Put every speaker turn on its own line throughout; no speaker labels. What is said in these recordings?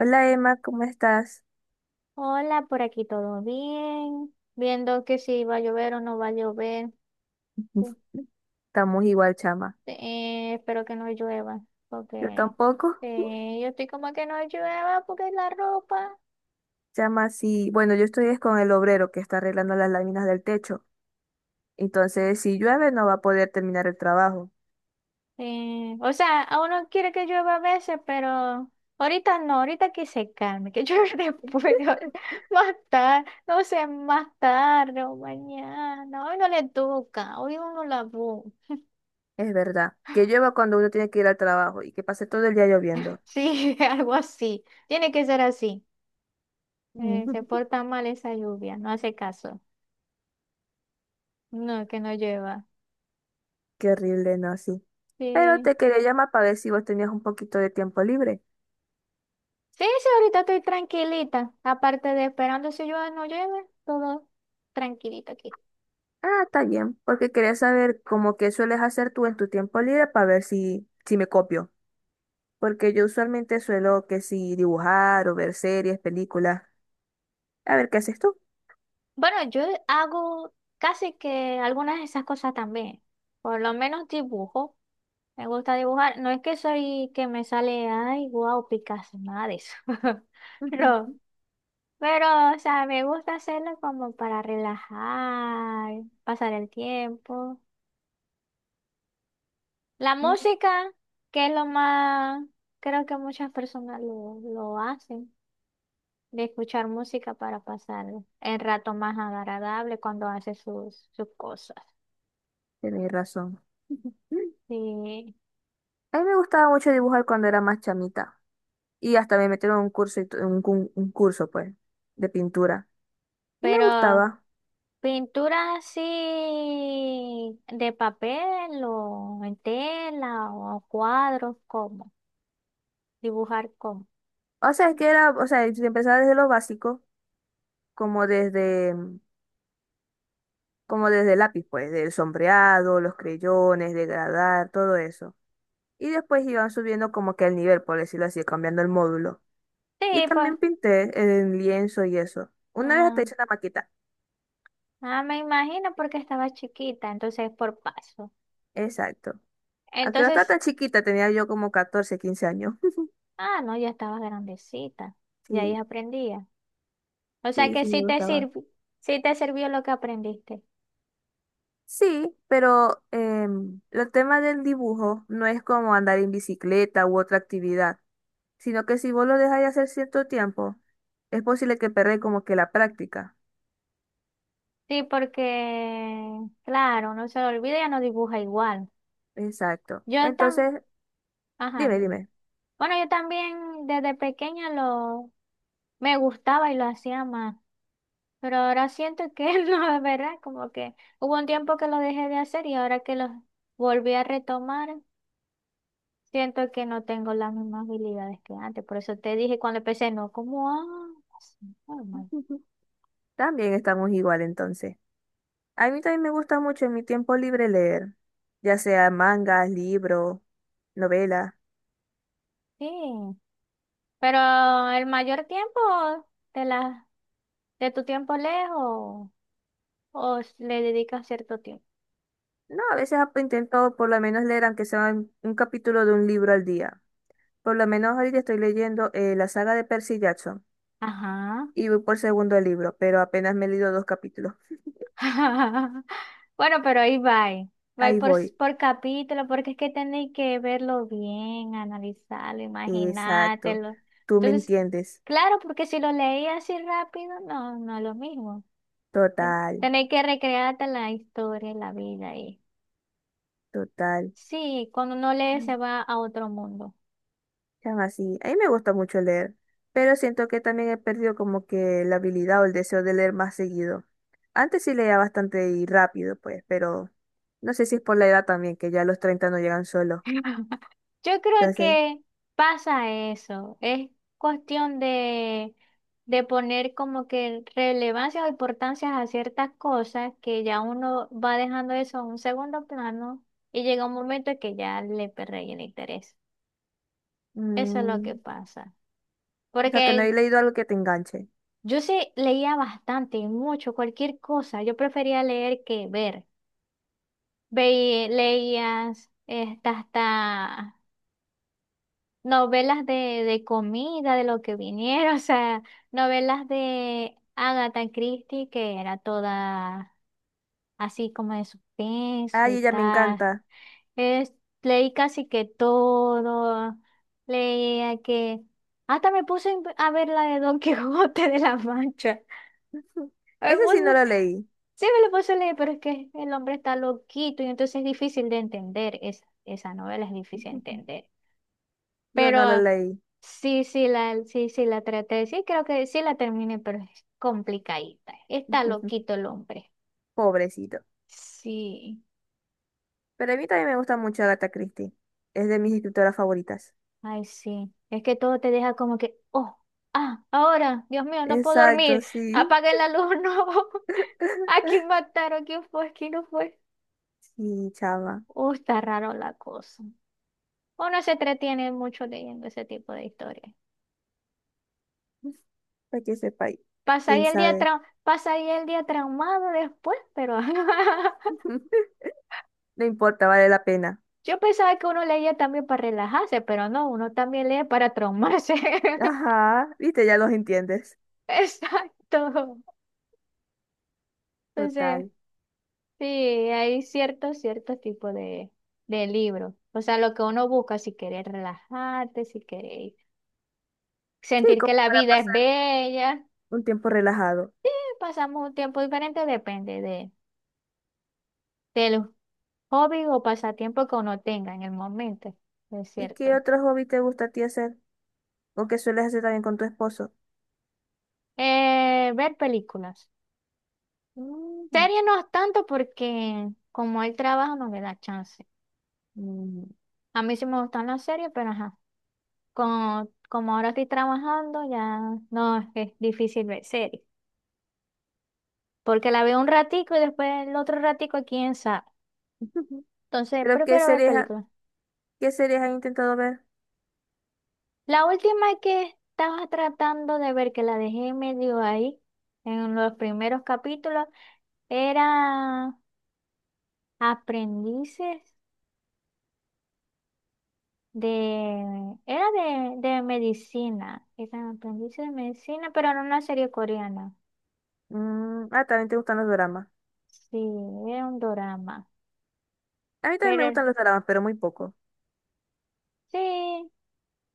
Hola Emma, ¿cómo estás?
Hola, por aquí todo bien. Viendo que si va a llover o no va a llover.
Estamos igual, chama.
Este, Espero que no llueva,
Yo
porque
tampoco.
yo estoy como que no llueva porque la ropa.
Chama, sí. Bueno, yo estoy es con el obrero que está arreglando las láminas del techo. Entonces, si llueve, no va a poder terminar el trabajo.
O sea, a uno quiere que llueva a veces, pero ahorita no, ahorita que se calme, que llueva después, más tarde, no sé, más tarde o mañana. Hoy no le toca, hoy uno la busca.
Es verdad. Que llueva cuando uno tiene que ir al trabajo y que pase todo el día lloviendo.
Sí, algo así. Tiene que ser así. Se
Mm.
porta mal esa lluvia, no hace caso. No, que no llueva.
Qué horrible, ¿no? Sí. Pero
Sí.
te quería llamar para ver si vos tenías un poquito de tiempo libre.
Sí, sí, ahorita estoy tranquilita. Aparte de esperando si llueve o no llueve, todo tranquilito aquí.
Ah, está bien, porque quería saber cómo que sueles hacer tú en tu tiempo libre para ver si me copio. Porque yo usualmente suelo que si dibujar o ver series, películas. A ver, ¿qué haces tú?
Bueno, yo hago casi que algunas de esas cosas también. Por lo menos dibujo. Me gusta dibujar. No es que soy que me sale, ay, wow, Picasso, nada de eso. No.
Ujú,
Pero, o sea, me gusta hacerlo como para relajar, pasar el tiempo. La
ujú.
música, que es lo más, creo que muchas personas lo hacen, de escuchar música para pasar el rato más agradable cuando hace sus cosas.
Tenés razón. Ujú.
Sí,
A mí me gustaba mucho dibujar cuando era más chamita. Y hasta me metieron en un curso, y un curso, pues, de pintura. Y me
pero
gustaba.
pintura así de papel o en tela o cuadros, ¿cómo? Dibujar cómo.
O sea, es que era, o sea, si empezaba desde lo básico, como desde, como desde el lápiz, pues, del sombreado, los creyones, degradar, todo eso. Y después iban subiendo como que el nivel, por decirlo así, cambiando el módulo. Y
Sí, pues,
también pinté en lienzo y eso. Una vez hasta
ah,
hice una maqueta.
ah, me imagino porque estaba chiquita, entonces por paso.
Exacto. Aunque no estaba
Entonces...
tan chiquita, tenía yo como 14 15 años.
Ah, no, ya estabas grandecita. Ya ahí
Sí,
aprendía. O sea
sí,
que
sí me gustaba.
sí te sirvió lo que aprendiste.
Sí, pero el tema del dibujo no es como andar en bicicleta u otra actividad, sino que si vos lo dejáis hacer cierto tiempo, es posible que perdáis como que la práctica.
Sí, porque, claro, no se lo olvida, ya no dibuja igual.
Exacto.
Yo tam,
Entonces,
ajá,
dime,
dime.
dime.
Bueno, yo también desde pequeña lo me gustaba y lo hacía más. Pero ahora siento que no, es verdad, como que hubo un tiempo que lo dejé de hacer y ahora que lo volví a retomar, siento que no tengo las mismas habilidades que antes, por eso te dije cuando empecé, no, como, ah, sí, normal.
También estamos igual entonces. A mí también me gusta mucho en mi tiempo libre leer, ya sea mangas, libros, novelas.
Sí, pero el mayor tiempo de la, de tu tiempo lejos le dedicas cierto tiempo.
No, a veces intento por lo menos leer, aunque sea un capítulo de un libro al día. Por lo menos ahorita estoy leyendo la saga de Percy Jackson
Ajá.
y voy por segundo libro, pero apenas me he leído dos capítulos.
Bueno, pero ahí va. Va
Ahí
por,
voy.
por capítulo, porque es que tenéis que verlo bien, analizarlo,
Exacto.
imaginártelo.
Tú me
Entonces,
entiendes.
claro, porque si lo leí así rápido, no, no es lo mismo.
Total,
Tenéis que recrearte la historia, y la vida y
total.
sí, cuando no lee se va a otro mundo.
Chama, así. A mí me gusta mucho leer, pero siento que también he perdido como que la habilidad o el deseo de leer más seguido. Antes sí leía bastante y rápido, pues, pero no sé si es por la edad también, que ya los treinta no llegan solos.
Yo creo
Entonces,
que pasa eso. Es cuestión de poner como que relevancia o importancia a ciertas cosas que ya uno va dejando eso a un segundo plano y llega un momento que ya le perre el interés. Eso es lo que
mm,
pasa.
o sea, que no
Porque
he leído algo que te enganche.
yo sí leía bastante y mucho, cualquier cosa. Yo prefería leer que ver. Hasta novelas de comida, de lo que viniera, o sea, novelas de Agatha Christie, que era toda así como de suspenso
Ay,
y
ella me
tal.
encanta.
Es- Leí casi que todo, leía que... Hasta me puse a ver la de Don Quijote de la Mancha. Me
Ese sí no
puse-
lo leí.
sí, me lo puse a leer, pero es que el hombre está loquito y entonces es difícil de entender. Esa novela es difícil de entender.
Yo no lo
Pero
leí.
sí, sí la traté. Sí, creo que sí la terminé, pero es complicadita. Está loquito el hombre.
Pobrecito.
Sí,
Pero a mí también me gusta mucho Agatha Christie. Es de mis escritoras favoritas.
ay, sí. Es que todo te deja como que, oh, ah, ahora, Dios mío, no puedo
Exacto,
dormir.
sí.
Apaguen la luz, no. ¿A quién mataron? ¿Quién fue? ¿Quién no fue?
Sí, chava.
Está raro la cosa. Uno se entretiene mucho leyendo ese tipo de historias.
Para que sepáis. Quién sabe.
Pasa ahí el día traumado después, pero
No importa, vale la pena.
yo pensaba que uno leía también para relajarse, pero no, uno también lee para traumarse.
Ajá, viste, ya los entiendes.
Exacto. Entonces,
Total.
sí, hay ciertos tipos de libros. O sea, lo que uno busca, si querés relajarte, si querés
Sí,
sentir que
como
la
para
vida es
pasar
bella.
un tiempo relajado.
Sí, pasamos un tiempo diferente, depende de, del hobby o pasatiempo que uno tenga en el momento. Es
¿Y qué
cierto.
otro hobby te gusta a ti hacer? ¿O qué sueles hacer también con tu esposo?
Ver películas.
Mm,
Serie no es tanto porque como el trabajo no me da chance.
mm.
A mí sí me gustan las series, pero ajá, como ahora estoy trabajando ya no es, es difícil ver series, porque la veo un ratico y después el otro ratico quién sabe. Entonces
¿Pero qué
prefiero ver
series,
películas.
qué series has intentado ver?
La última que estaba tratando de ver, que la dejé medio ahí en los primeros capítulos, era Aprendices De, era de medicina, era un aprendiz de medicina, pero era una serie coreana.
Mm, ah, también te gustan los dramas.
Sí, era un drama.
A mí también me gustan
Pero
los dramas, pero muy poco.
sí,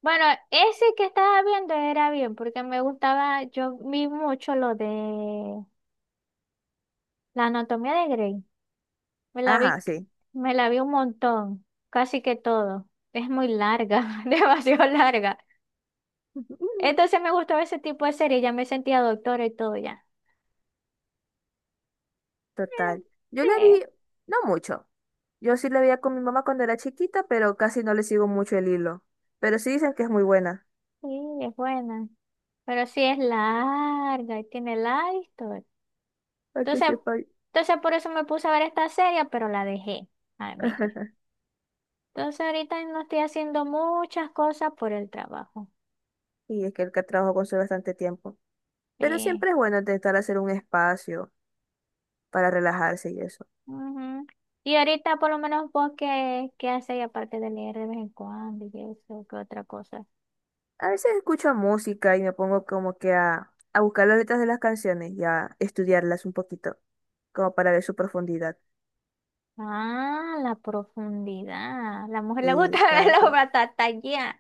bueno, ese que estaba viendo era bien, porque me gustaba, yo vi mucho lo de la anatomía de Grey. Me la vi,
Ajá, sí.
Me la vi un montón, casi que todo. Es muy larga, demasiado larga. Entonces me gustaba ese tipo de serie, ya me sentía doctora y todo ya.
Total. Yo la
Eh,
vi, no mucho. Yo sí la veía con mi mamá cuando era chiquita, pero casi no le sigo mucho el hilo. Pero sí dicen que es muy buena.
sí, sí, es buena. Pero sí es larga y tiene la historia.
Para que
Entonces,
sepa.
entonces por eso me puse a ver esta serie, pero la dejé a medio. Entonces ahorita no estoy haciendo muchas cosas por el trabajo.
Y es que el que trabajo consume bastante tiempo. Pero
Sí.
siempre es bueno intentar hacer un espacio para relajarse y eso.
Ujú. Y ahorita por lo menos vos qué hacéis aparte de leer de vez en cuando y eso, qué otra cosa.
A veces escucho música y me pongo como que a buscar las letras de las canciones y a estudiarlas un poquito, como para ver su profundidad.
Ah, la profundidad. La mujer le gusta ver los
Exacto,
batatallas.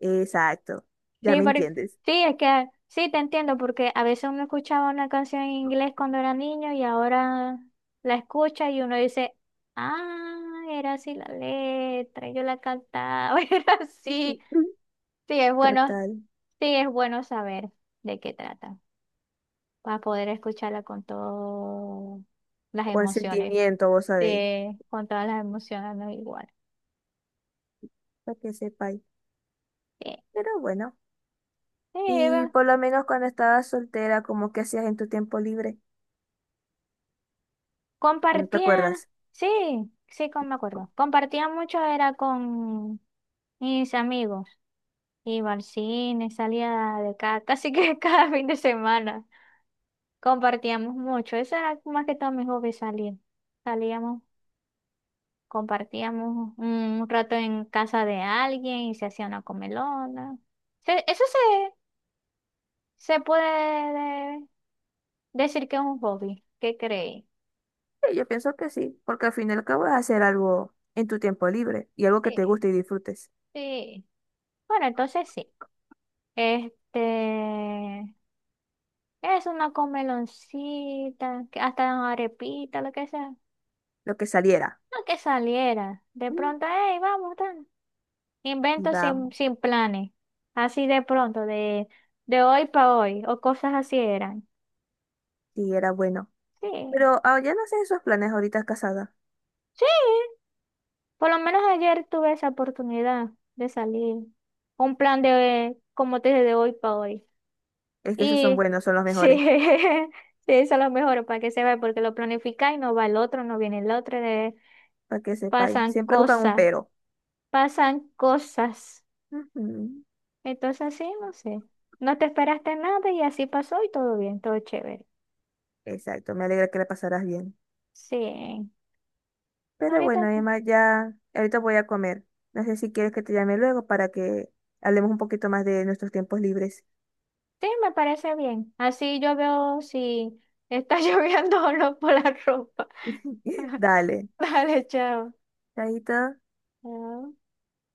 exacto. Ya
Sí,
me entiendes.
sí, es que sí te entiendo, porque a veces uno escuchaba una canción en inglés cuando era niño y ahora la escucha y uno dice, ah, era así la letra, yo la cantaba, era así. Sí, es bueno,
Total.
sí, es bueno saber de qué trata, para poder escucharla con todas las
O el
emociones,
sentimiento, vos sabéis.
sí, con todas las emociones, no igual.
Para que sepáis.
Sí,
Pero bueno.
sí,
Y por lo menos cuando estabas soltera, ¿como que hacías en tu tiempo libre? ¿O no te
compartía,
acuerdas?
sí, me acuerdo. Compartía mucho, era con mis amigos. Iba al cine, salía de casa, casi que cada fin de semana. Compartíamos mucho. Eso era más que todo mi hobby, salir. Salíamos, compartíamos un rato en casa de alguien y se hacía una comelona. Se- Eso Se puede decir que es un hobby. ¿Qué creéis?
Sí, yo pienso que sí, porque al fin y al cabo es hacer algo en tu tiempo libre y algo que
Sí,
te guste y disfrutes,
sí. Bueno, entonces sí. Este, es una comeloncita, que hasta arepita, lo que sea.
lo que saliera.
No que saliera. De
Mm.
pronto, hey, vamos, tan.
Y
Invento
vamos,
sin planes. Así de pronto, de hoy para hoy, o cosas así eran.
sí, era bueno.
Sí,
Pero ah, ya no sé esos planes ahorita casada.
sí. Por lo menos ayer tuve esa oportunidad de salir. Un plan de, como te dije, de hoy para hoy.
Es que esos son
Y
buenos, son los
sí,
mejores,
sí, eso es lo mejor para que se vea, porque lo planificáis y no va el otro, no viene el otro,
para que sepáis.
pasan
Siempre buscan un
cosas.
pero.
Pasan cosas.
Ujú.
Entonces, sí, no sé. No te esperaste nada y así pasó y todo bien, todo chévere.
Exacto, me alegra que la pasaras bien.
Sí,
Pero
ahorita
bueno,
sí.
además ya ahorita voy a comer. No sé si quieres que te llame luego para que hablemos un poquito más de nuestros tiempos libres.
Sí, me parece bien. Así yo veo si está lloviendo o no por la ropa.
Dale.
Dale, chao.
Chaito.
Chao.